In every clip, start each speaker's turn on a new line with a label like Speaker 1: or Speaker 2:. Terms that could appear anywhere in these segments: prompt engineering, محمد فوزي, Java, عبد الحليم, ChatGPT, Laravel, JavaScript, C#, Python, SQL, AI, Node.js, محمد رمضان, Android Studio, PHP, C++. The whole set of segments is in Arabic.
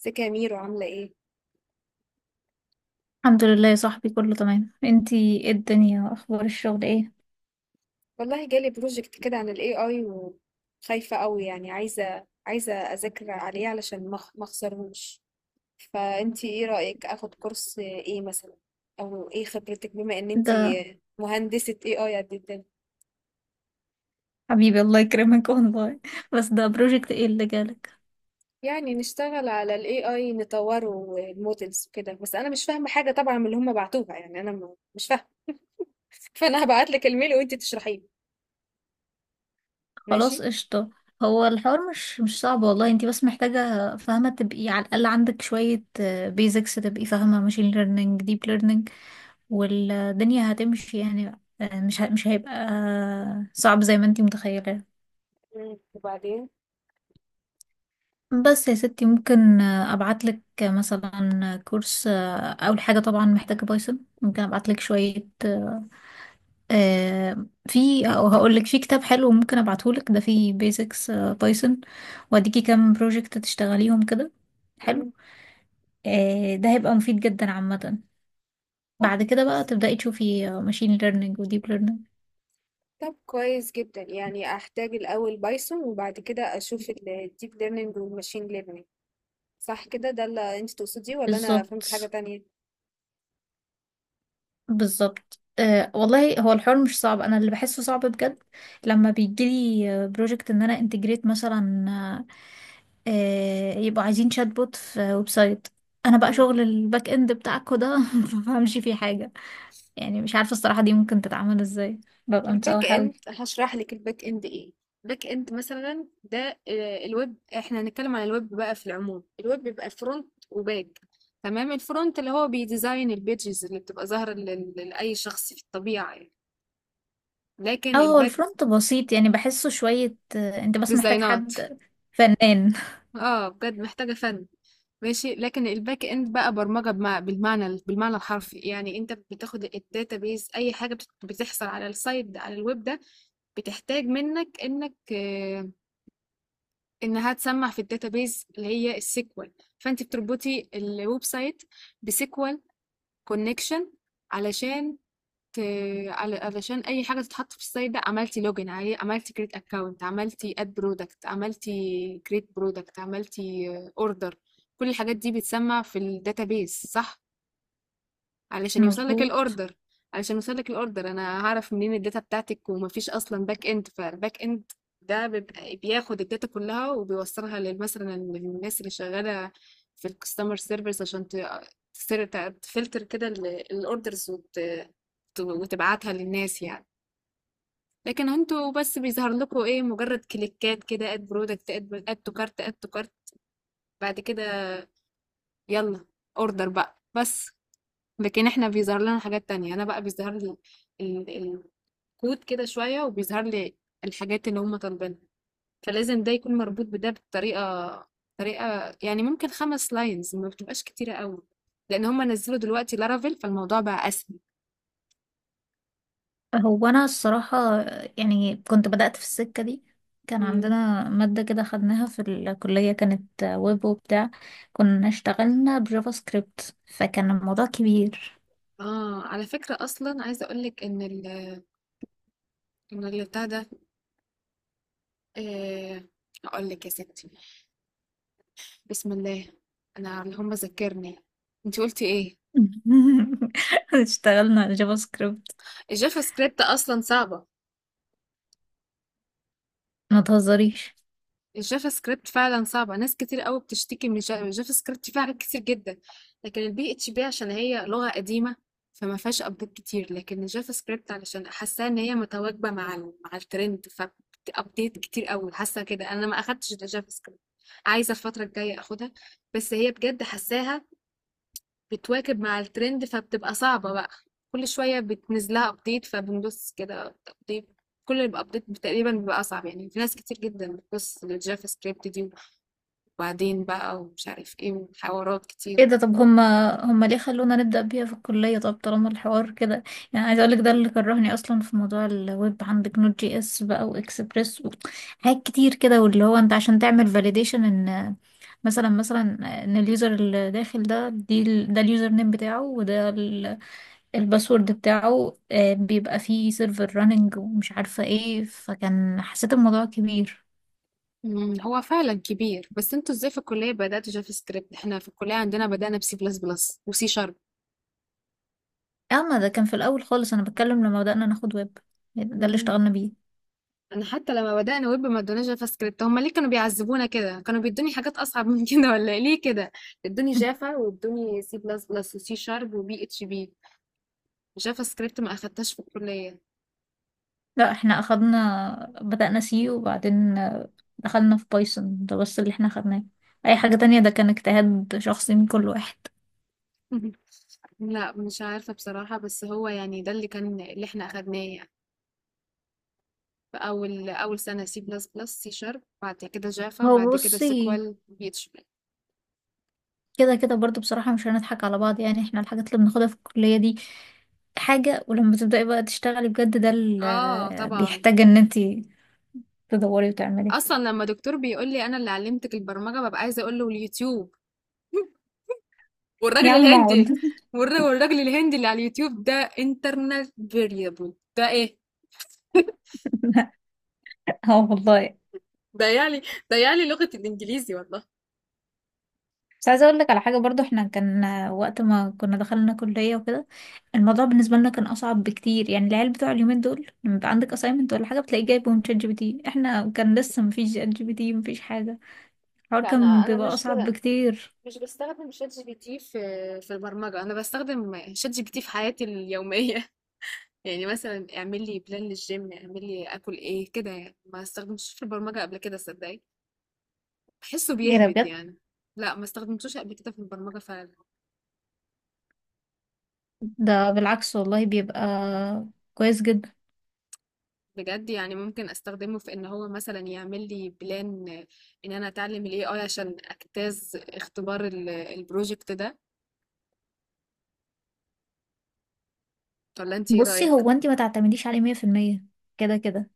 Speaker 1: ازيك يا ميرو عاملة ايه؟
Speaker 2: الحمد لله يا صاحبي، كله تمام. انتي ايه الدنيا، اخبار الشغل ايه؟
Speaker 1: والله جالي بروجكت كده عن ال AI وخايفة قوي يعني عايزة أذاكر عليه علشان ما أخسرهوش. فأنتي ايه رأيك أخد كورس ايه مثلا؟ أو ايه خبرتك بما إن
Speaker 2: ده
Speaker 1: انتي مهندسة AI قد الدنيا؟
Speaker 2: حبيبي الله يكرمك والله بس ده بروجكت ايه اللي جالك؟
Speaker 1: يعني نشتغل على ال AI نطوره والمودلز وكده، بس أنا مش فاهمة حاجة طبعا من اللي هم بعتوها، يعني أنا مش فاهمة. فأنا هبعتلك الميل وانتي تشرحيه.
Speaker 2: خلاص
Speaker 1: ماشي؟
Speaker 2: قشطة. هو الحوار مش صعب والله، انتي بس محتاجة فاهمة تبقي على الأقل عندك شوية بيزكس، تبقي فاهمة ماشين ليرنينج، ديب ليرنينج والدنيا هتمشي يعني. مش هيبقى صعب زي ما انتي متخيلة.
Speaker 1: مم. وبعدين؟
Speaker 2: بس يا ستي، ممكن ابعت لك مثلا كورس، اول حاجه طبعا محتاجه بايثون، ممكن ابعت لك شويه، آه، في او هقول لك في كتاب حلو ممكن ابعته لك، ده فيه بيزكس بايثون، واديكي كام بروجكت تشتغليهم كده. حلو. ده هيبقى مفيد جدا عامه.
Speaker 1: مم.
Speaker 2: بعد كده بقى تبداي تشوفي ماشين ليرنينج وديب ليرنينج.
Speaker 1: طب كويس جدا، يعني احتاج الاول بايثون وبعد كده اشوف الديب ليرنينج والماشين ليرنينج. صح كده؟ ده اللي انت تقصديه ولا انا فهمت حاجة
Speaker 2: بالظبط.
Speaker 1: تانية؟
Speaker 2: بالظبط، أه والله هو الحوار مش صعب، انا اللي بحسه صعب بجد لما بيجيلي بروجكت ان انا انتجريت مثلا، أه يبقوا عايزين شات بوت في ويب سايت، انا بقى
Speaker 1: مم.
Speaker 2: شغل الباك اند بتاعكوا ده ما بفهمش فيه حاجه. يعني مش عارفه الصراحه دي ممكن تتعمل ازاي، ببقى
Speaker 1: الباك
Speaker 2: متسوحه قوي.
Speaker 1: اند هشرح لك الباك اند ايه. الباك اند مثلا ده، الويب، احنا هنتكلم عن الويب بقى في العموم. الويب بيبقى فرونت وباك. تمام؟ الفرونت اللي هو بيديزاين البيجز اللي بتبقى ظاهرة لأي شخص في الطبيعة يعني.
Speaker 2: اه،
Speaker 1: لكن
Speaker 2: هو
Speaker 1: الباك
Speaker 2: الفرونت بسيط يعني بحسه شويه، انت بس محتاج
Speaker 1: ديزاينات.
Speaker 2: حد فنان
Speaker 1: اه بجد محتاجة فن. ماشي. لكن الباك اند بقى برمجة بالمعنى الحرفي، يعني انت بتاخد الداتابيز. اي حاجة بتحصل على السايت ده، على الويب ده، بتحتاج منك انك انها تسمع في الداتابيز اللي هي السيكوال. فانت بتربطي الويب سايت بسيكوال كونكشن علشان ت- علشان اي حاجه تتحط في السايت ده، عملتي لوجن عليه، عملتي كريت اكونت، عملتي اد برودكت، عملتي كريت برودكت، عملتي اوردر، كل الحاجات دي بتسمى في الداتابيس. صح؟ علشان يوصل لك
Speaker 2: مظبوط.
Speaker 1: الاوردر. انا هعرف منين الداتا بتاعتك؟ ومفيش اصلا باك اند. فالباك اند ده بيبقى بياخد الداتا كلها وبيوصلها مثلا للناس اللي شغاله في الكاستمر سيرفيس، عشان تفلتر كده الاوردرز وتبعتها للناس يعني. لكن انتوا بس بيظهر لكم ايه؟ مجرد كليكات كده: اد برودكت، اد تو كارت، اد تو كارت، بعد كده يلا اوردر بقى بس. لكن احنا بيظهر لنا حاجات تانية. انا بقى بيظهر لي ال- ال- الكود كده شوية، وبيظهر لي الحاجات اللي هم طالبينها، فلازم ده يكون مربوط بده بطريقة. يعني ممكن خمس لاينز، ما بتبقاش كتيرة قوي، لان هم نزلوا دلوقتي لارافيل فالموضوع بقى اسهل.
Speaker 2: هو أنا الصراحة يعني كنت بدأت في السكة دي، كان
Speaker 1: مم.
Speaker 2: عندنا مادة كده خدناها في الكلية، كانت ويب وبتاع، كنا اشتغلنا بجافا سكريبت فكان الموضوع كبير.
Speaker 1: اه على فكرة، اصلا عايزة اقولك ان ال ان اللي بتاع ده آه اقول لك يا ستي. بسم الله. انا اللي هم ذكرني، انت قلتي ايه.
Speaker 2: اشتغلنا على جافا سكريبت.
Speaker 1: الجافا سكريبت اصلا صعبة.
Speaker 2: ما تهزريش.
Speaker 1: الجافا سكريبت فعلا صعبة، ناس كتير قوي بتشتكي من الجافا. الجافا سكريبت فيها حاجات كتير جدا. لكن البي اتش بي عشان هي لغة قديمة، فما فيهاش ابديت كتير. لكن الجافا سكريبت، علشان حاساها ان هي متواكبة مع مع الترند، فابديت كتير قوي. حاسة كده. انا ما اخدتش الجافا سكريبت، عايزة الفترة الجاية اخدها. بس هي بجد حاساها بتواكب مع الترند فبتبقى صعبة بقى. كل شوية بتنزل لها ابديت، فبندوس كده ابديت. كل الابديت تقريبا بيبقى اصعب، يعني في ناس كتير جدا بتبص للجافا سكريبت دي وبعدين بقى ومش عارف ايه وحوارات
Speaker 2: ايه
Speaker 1: كتير.
Speaker 2: ده؟ طب هما ليه خلونا نبدأ بيها في الكلية؟ طب طالما الحوار كده، يعني عايزة اقولك ده اللي كرهني اصلا في موضوع الويب. عندك نوت جي اس بقى واكسبريس، حاجات كتير كده، واللي هو انت عشان تعمل فاليديشن ان مثلا ان اليوزر اللي داخل ده، ده اليوزر نيم بتاعه، الباسورد بتاعه، بيبقى فيه سيرفر راننج ومش عارفة ايه، فكان حسيت الموضوع كبير.
Speaker 1: مم، هو فعلا كبير. بس انتوا ازاي في الكلية بدأتوا جافا سكريبت؟ احنا في الكلية عندنا بدأنا بسي بلس بلس وسي
Speaker 2: اما ده كان في الاول خالص، انا بتكلم لما بدأنا ناخد ويب، ده اللي
Speaker 1: شارب.
Speaker 2: اشتغلنا بيه.
Speaker 1: انا حتى لما بدأنا ويب ما ادوناش جافا سكريبت. هما ليه كانوا بيعذبونا كده؟ كانوا بيدوني حاجات اصعب من كده ولا إيه؟ ليه كده ادوني جافا وادوني سي بلس بلس وسي شارب وبي اتش بي، جافا سكريبت ما اخدتهاش في الكلية.
Speaker 2: لا احنا اخدنا بدأنا سي، وبعدين دخلنا في بايثون، ده بس اللي احنا اخدناه. اي حاجة تانية ده كان اجتهاد شخصي من كل واحد.
Speaker 1: لا مش عارفة بصراحة، بس هو يعني ده اللي كان، اللي احنا اخدناه يعني في اول سنة: سي بلس بلس، سي شارب، بعد كده جافا،
Speaker 2: هو
Speaker 1: بعد كده
Speaker 2: بصي،
Speaker 1: سيكوال، بي اتش بي.
Speaker 2: كده كده برضو بصراحة مش هنضحك على بعض، يعني احنا الحاجات اللي بناخدها في الكلية دي حاجة، ولما تبدأي بقى تشتغلي بجد ده
Speaker 1: اه
Speaker 2: اللي
Speaker 1: طبعا.
Speaker 2: بيحتاج ان انتي تدوري وتعملي.
Speaker 1: اصلا لما دكتور بيقول لي انا اللي علمتك البرمجة، ببقى عايزة اقول له: اليوتيوب،
Speaker 2: يا
Speaker 1: والراجل
Speaker 2: عم
Speaker 1: الهندي.
Speaker 2: اقعد
Speaker 1: والراجل الهندي اللي على اليوتيوب ده، انترنال فيريبل ده ايه؟
Speaker 2: اه والله.
Speaker 1: ده يعني ده يعني لغة الانجليزي والله.
Speaker 2: بس عايزة اقول لك على حاجة برضو، احنا كان وقت ما كنا دخلنا كلية وكده الموضوع بالنسبة لنا كان اصعب بكتير، يعني العيال بتوع اليومين دول لما يبقى عندك assignment ولا حاجة بتلاقيه جايبهم شات جي بي تي، احنا كان لسه مفيش شات جي بي تي، مفيش حاجة. الحوار
Speaker 1: لا انا
Speaker 2: كان بيبقى اصعب بكتير.
Speaker 1: مش بستخدم شات جي بي تي في البرمجة. أنا بستخدم شات جي بي تي في حياتي اليومية. يعني مثلا اعمل لي بلان للجيم، اعمل لي أكل إيه كده يعني. ما استخدمتوش في البرمجة قبل كده، صدقني، بحسه
Speaker 2: ايه ده
Speaker 1: بيهبد
Speaker 2: بجد؟
Speaker 1: يعني. لا ما استخدمتوش قبل كده في البرمجة فعلا.
Speaker 2: ده بالعكس والله، بيبقى كويس جدا.
Speaker 1: بجد يعني ممكن استخدمه في ان هو مثلا يعمل لي بلان ان انا اتعلم الاي اي عشان اجتاز اختبار البروجكت ده، ولا انت ايه
Speaker 2: بصي،
Speaker 1: رايك؟
Speaker 2: هو انت ما تعتمديش عليه مية في المية كده كده،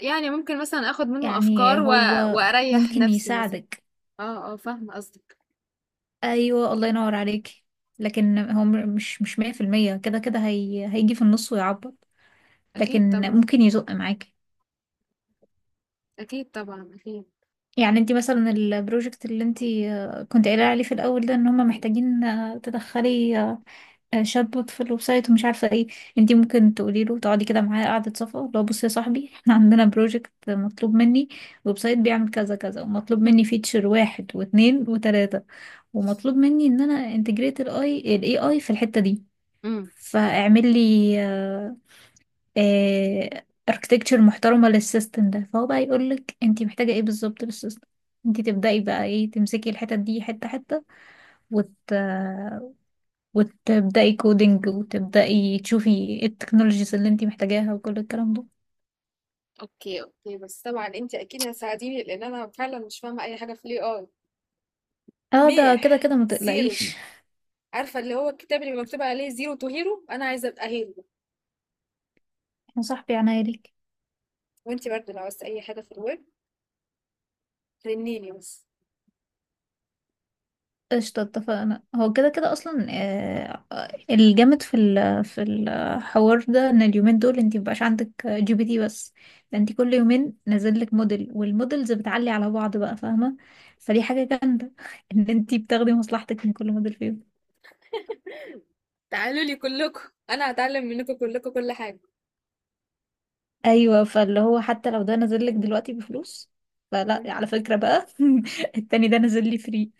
Speaker 1: يعني ممكن مثلا اخد منه
Speaker 2: يعني
Speaker 1: افكار
Speaker 2: هو
Speaker 1: واريح
Speaker 2: ممكن
Speaker 1: نفسي مثلا.
Speaker 2: يساعدك.
Speaker 1: اه اه، فاهمه قصدك.
Speaker 2: ايوه، الله ينور عليك. لكن هو مش مية في المية كده كده، هي هيجي في النص ويعبط،
Speaker 1: اكيد
Speaker 2: لكن
Speaker 1: طبعا.
Speaker 2: ممكن يزق معاكي.
Speaker 1: اكيد طبعا اكيد.
Speaker 2: يعني انت مثلا البروجكت اللي انت كنت قايله عليه في الاول ده، ان هم محتاجين تدخلي شات بوت في الويب سايت ومش عارفه ايه، انتي ممكن تقولي له تقعدي كده معايا قعده صفا، لو بصي يا صاحبي احنا عندنا بروجكت مطلوب مني ويب سايت بيعمل كذا كذا، ومطلوب مني فيتشر واحد واتنين وتلاته، ومطلوب مني ان انا انتجريت الاي الاي اي في الحته دي،
Speaker 1: امم.
Speaker 2: فاعمل لي اركتكتشر محترمه للسيستم ده، فهو بقى يقول لك انتي محتاجه ايه بالظبط للسيستم. انتي تبداي بقى ايه، تمسكي الحتت دي حته حته، وت وتبدأي كودينج، وتبدأي تشوفي ايه التكنولوجيز اللي انتي محتاجاها وكل الكلام ده.
Speaker 1: اوكي اوكي، بس طبعا انت اكيد هتساعديني لان انا فعلا مش فاهمه اي حاجه في الاي اي.
Speaker 2: اه ده كده
Speaker 1: ميح
Speaker 2: كده ما
Speaker 1: زيرو.
Speaker 2: تقلقيش.
Speaker 1: عارفه اللي هو الكتاب اللي بيبقى مكتوب عليه زيرو تو هيرو، انا عايزه ابقى هيرو.
Speaker 2: يا صاحبي عناية ليك.
Speaker 1: وانتي برضه لو عاوزتي اي حاجة في الويب رنيني بس.
Speaker 2: قشطة اتفقنا. هو كده كده اصلا، الجامد في ال في الحوار ده ان اليومين دول انتي مبقاش عندك جي بي تي بس، ده انتي كل يومين نازل لك موديل، والموديلز بتعلي على بعض بقى، فاهمة؟ فدي حاجة جامدة ان انتي بتاخدي مصلحتك من كل موديل فيهم.
Speaker 1: تعالوا لي كلكم، انا هتعلم منكم كلكم كل حاجه.
Speaker 2: ايوه، فاللي هو حتى لو ده نازل لك دلوقتي بفلوس، فلا
Speaker 1: مم.
Speaker 2: على فكرة بقى، التاني ده نازل لي فري،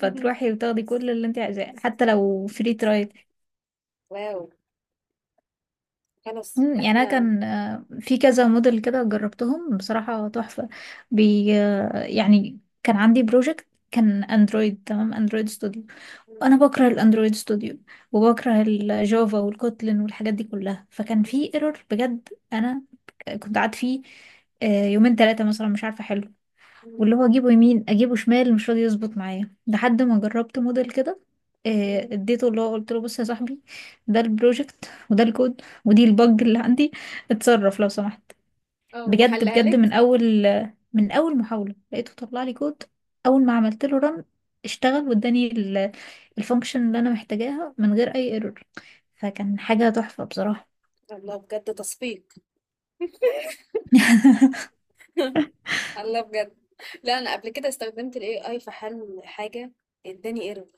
Speaker 2: وتاخدي كل اللي انت عايزاه حتى لو فري ترايل.
Speaker 1: واو. خلاص
Speaker 2: مم، يعني انا
Speaker 1: احنا.
Speaker 2: كان في كذا موديل كده جربتهم بصراحة تحفة. بي آه، يعني كان عندي بروجكت كان اندرويد، تمام اندرويد ستوديو، انا بكره الاندرويد ستوديو وبكره الجافا والكوتلين والحاجات دي كلها، فكان في ايرور بجد انا كنت قعدت فيه يومين ثلاثة مثلا مش عارفة، واللي هو اجيبه يمين اجيبه شمال مش راضي يظبط معايا، لحد ما جربت موديل كده، اديته، اللي هو قلت له بص يا صاحبي ده البروجكت وده الكود ودي البج اللي عندي، اتصرف لو سمحت.
Speaker 1: اه
Speaker 2: بجد
Speaker 1: وحلها
Speaker 2: بجد
Speaker 1: لك.
Speaker 2: من اول، من اول محاولة لقيته طلع لي كود، اول ما عملت له رن اشتغل واداني الفانكشن اللي انا محتاجاها من غير اي ايرور، فكان حاجة تحفة بصراحة.
Speaker 1: الله بجد تصفيق. الله بجد. لا انا قبل كده استخدمت الاي اي في حل حاجة، اداني ايرور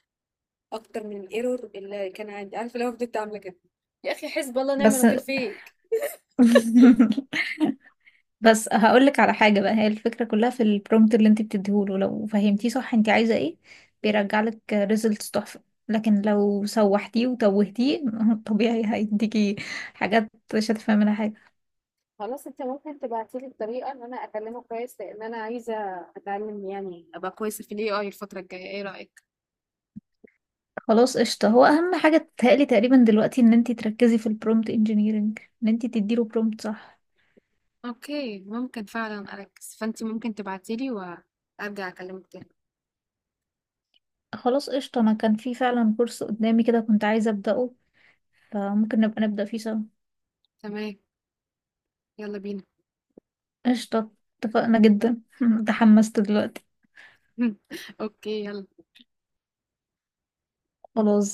Speaker 1: اكتر من الايرور اللي كان عندي. عارفة لو فضلت عاملة كده؟ يا اخي حسب الله ونعم
Speaker 2: بس
Speaker 1: الوكيل فيك.
Speaker 2: بس هقولك على حاجة بقى، هي الفكرة كلها في البرومبت اللي انت بتديهوله، لو فهمتيه صح انت عايزة ايه
Speaker 1: مم.
Speaker 2: بيرجعلك ريزلتس تحفة، لكن لو سوحتيه وتوهتيه طبيعي هيديكي حاجات مش هتفهمي منها حاجة.
Speaker 1: خلاص، انت ممكن تبعتي لي الطريقه ان انا اكلمه كويس، لان انا عايزه اتعلم يعني ابقى كويسه في الاي اي الفتره الجايه. ايه رايك؟
Speaker 2: خلاص قشطة، هو أهم حاجة تتهيألي تقريبا دلوقتي ان انت تركزي في البرومبت انجينيرنج، ان انت تديله برومبت صح.
Speaker 1: اوكي ممكن فعلا اركز. فانت ممكن تبعتي لي وارجع اكلمك تاني.
Speaker 2: خلاص قشطة، انا كان في فعلا كورس قدامي كده كنت عايزة أبدأه، فممكن نبقى نبدأ فيه سوا.
Speaker 1: تمام؟ يلا بينا.
Speaker 2: قشطة اتفقنا جدا تحمست دلوقتي.
Speaker 1: اوكي يلا.
Speaker 2: خلاص.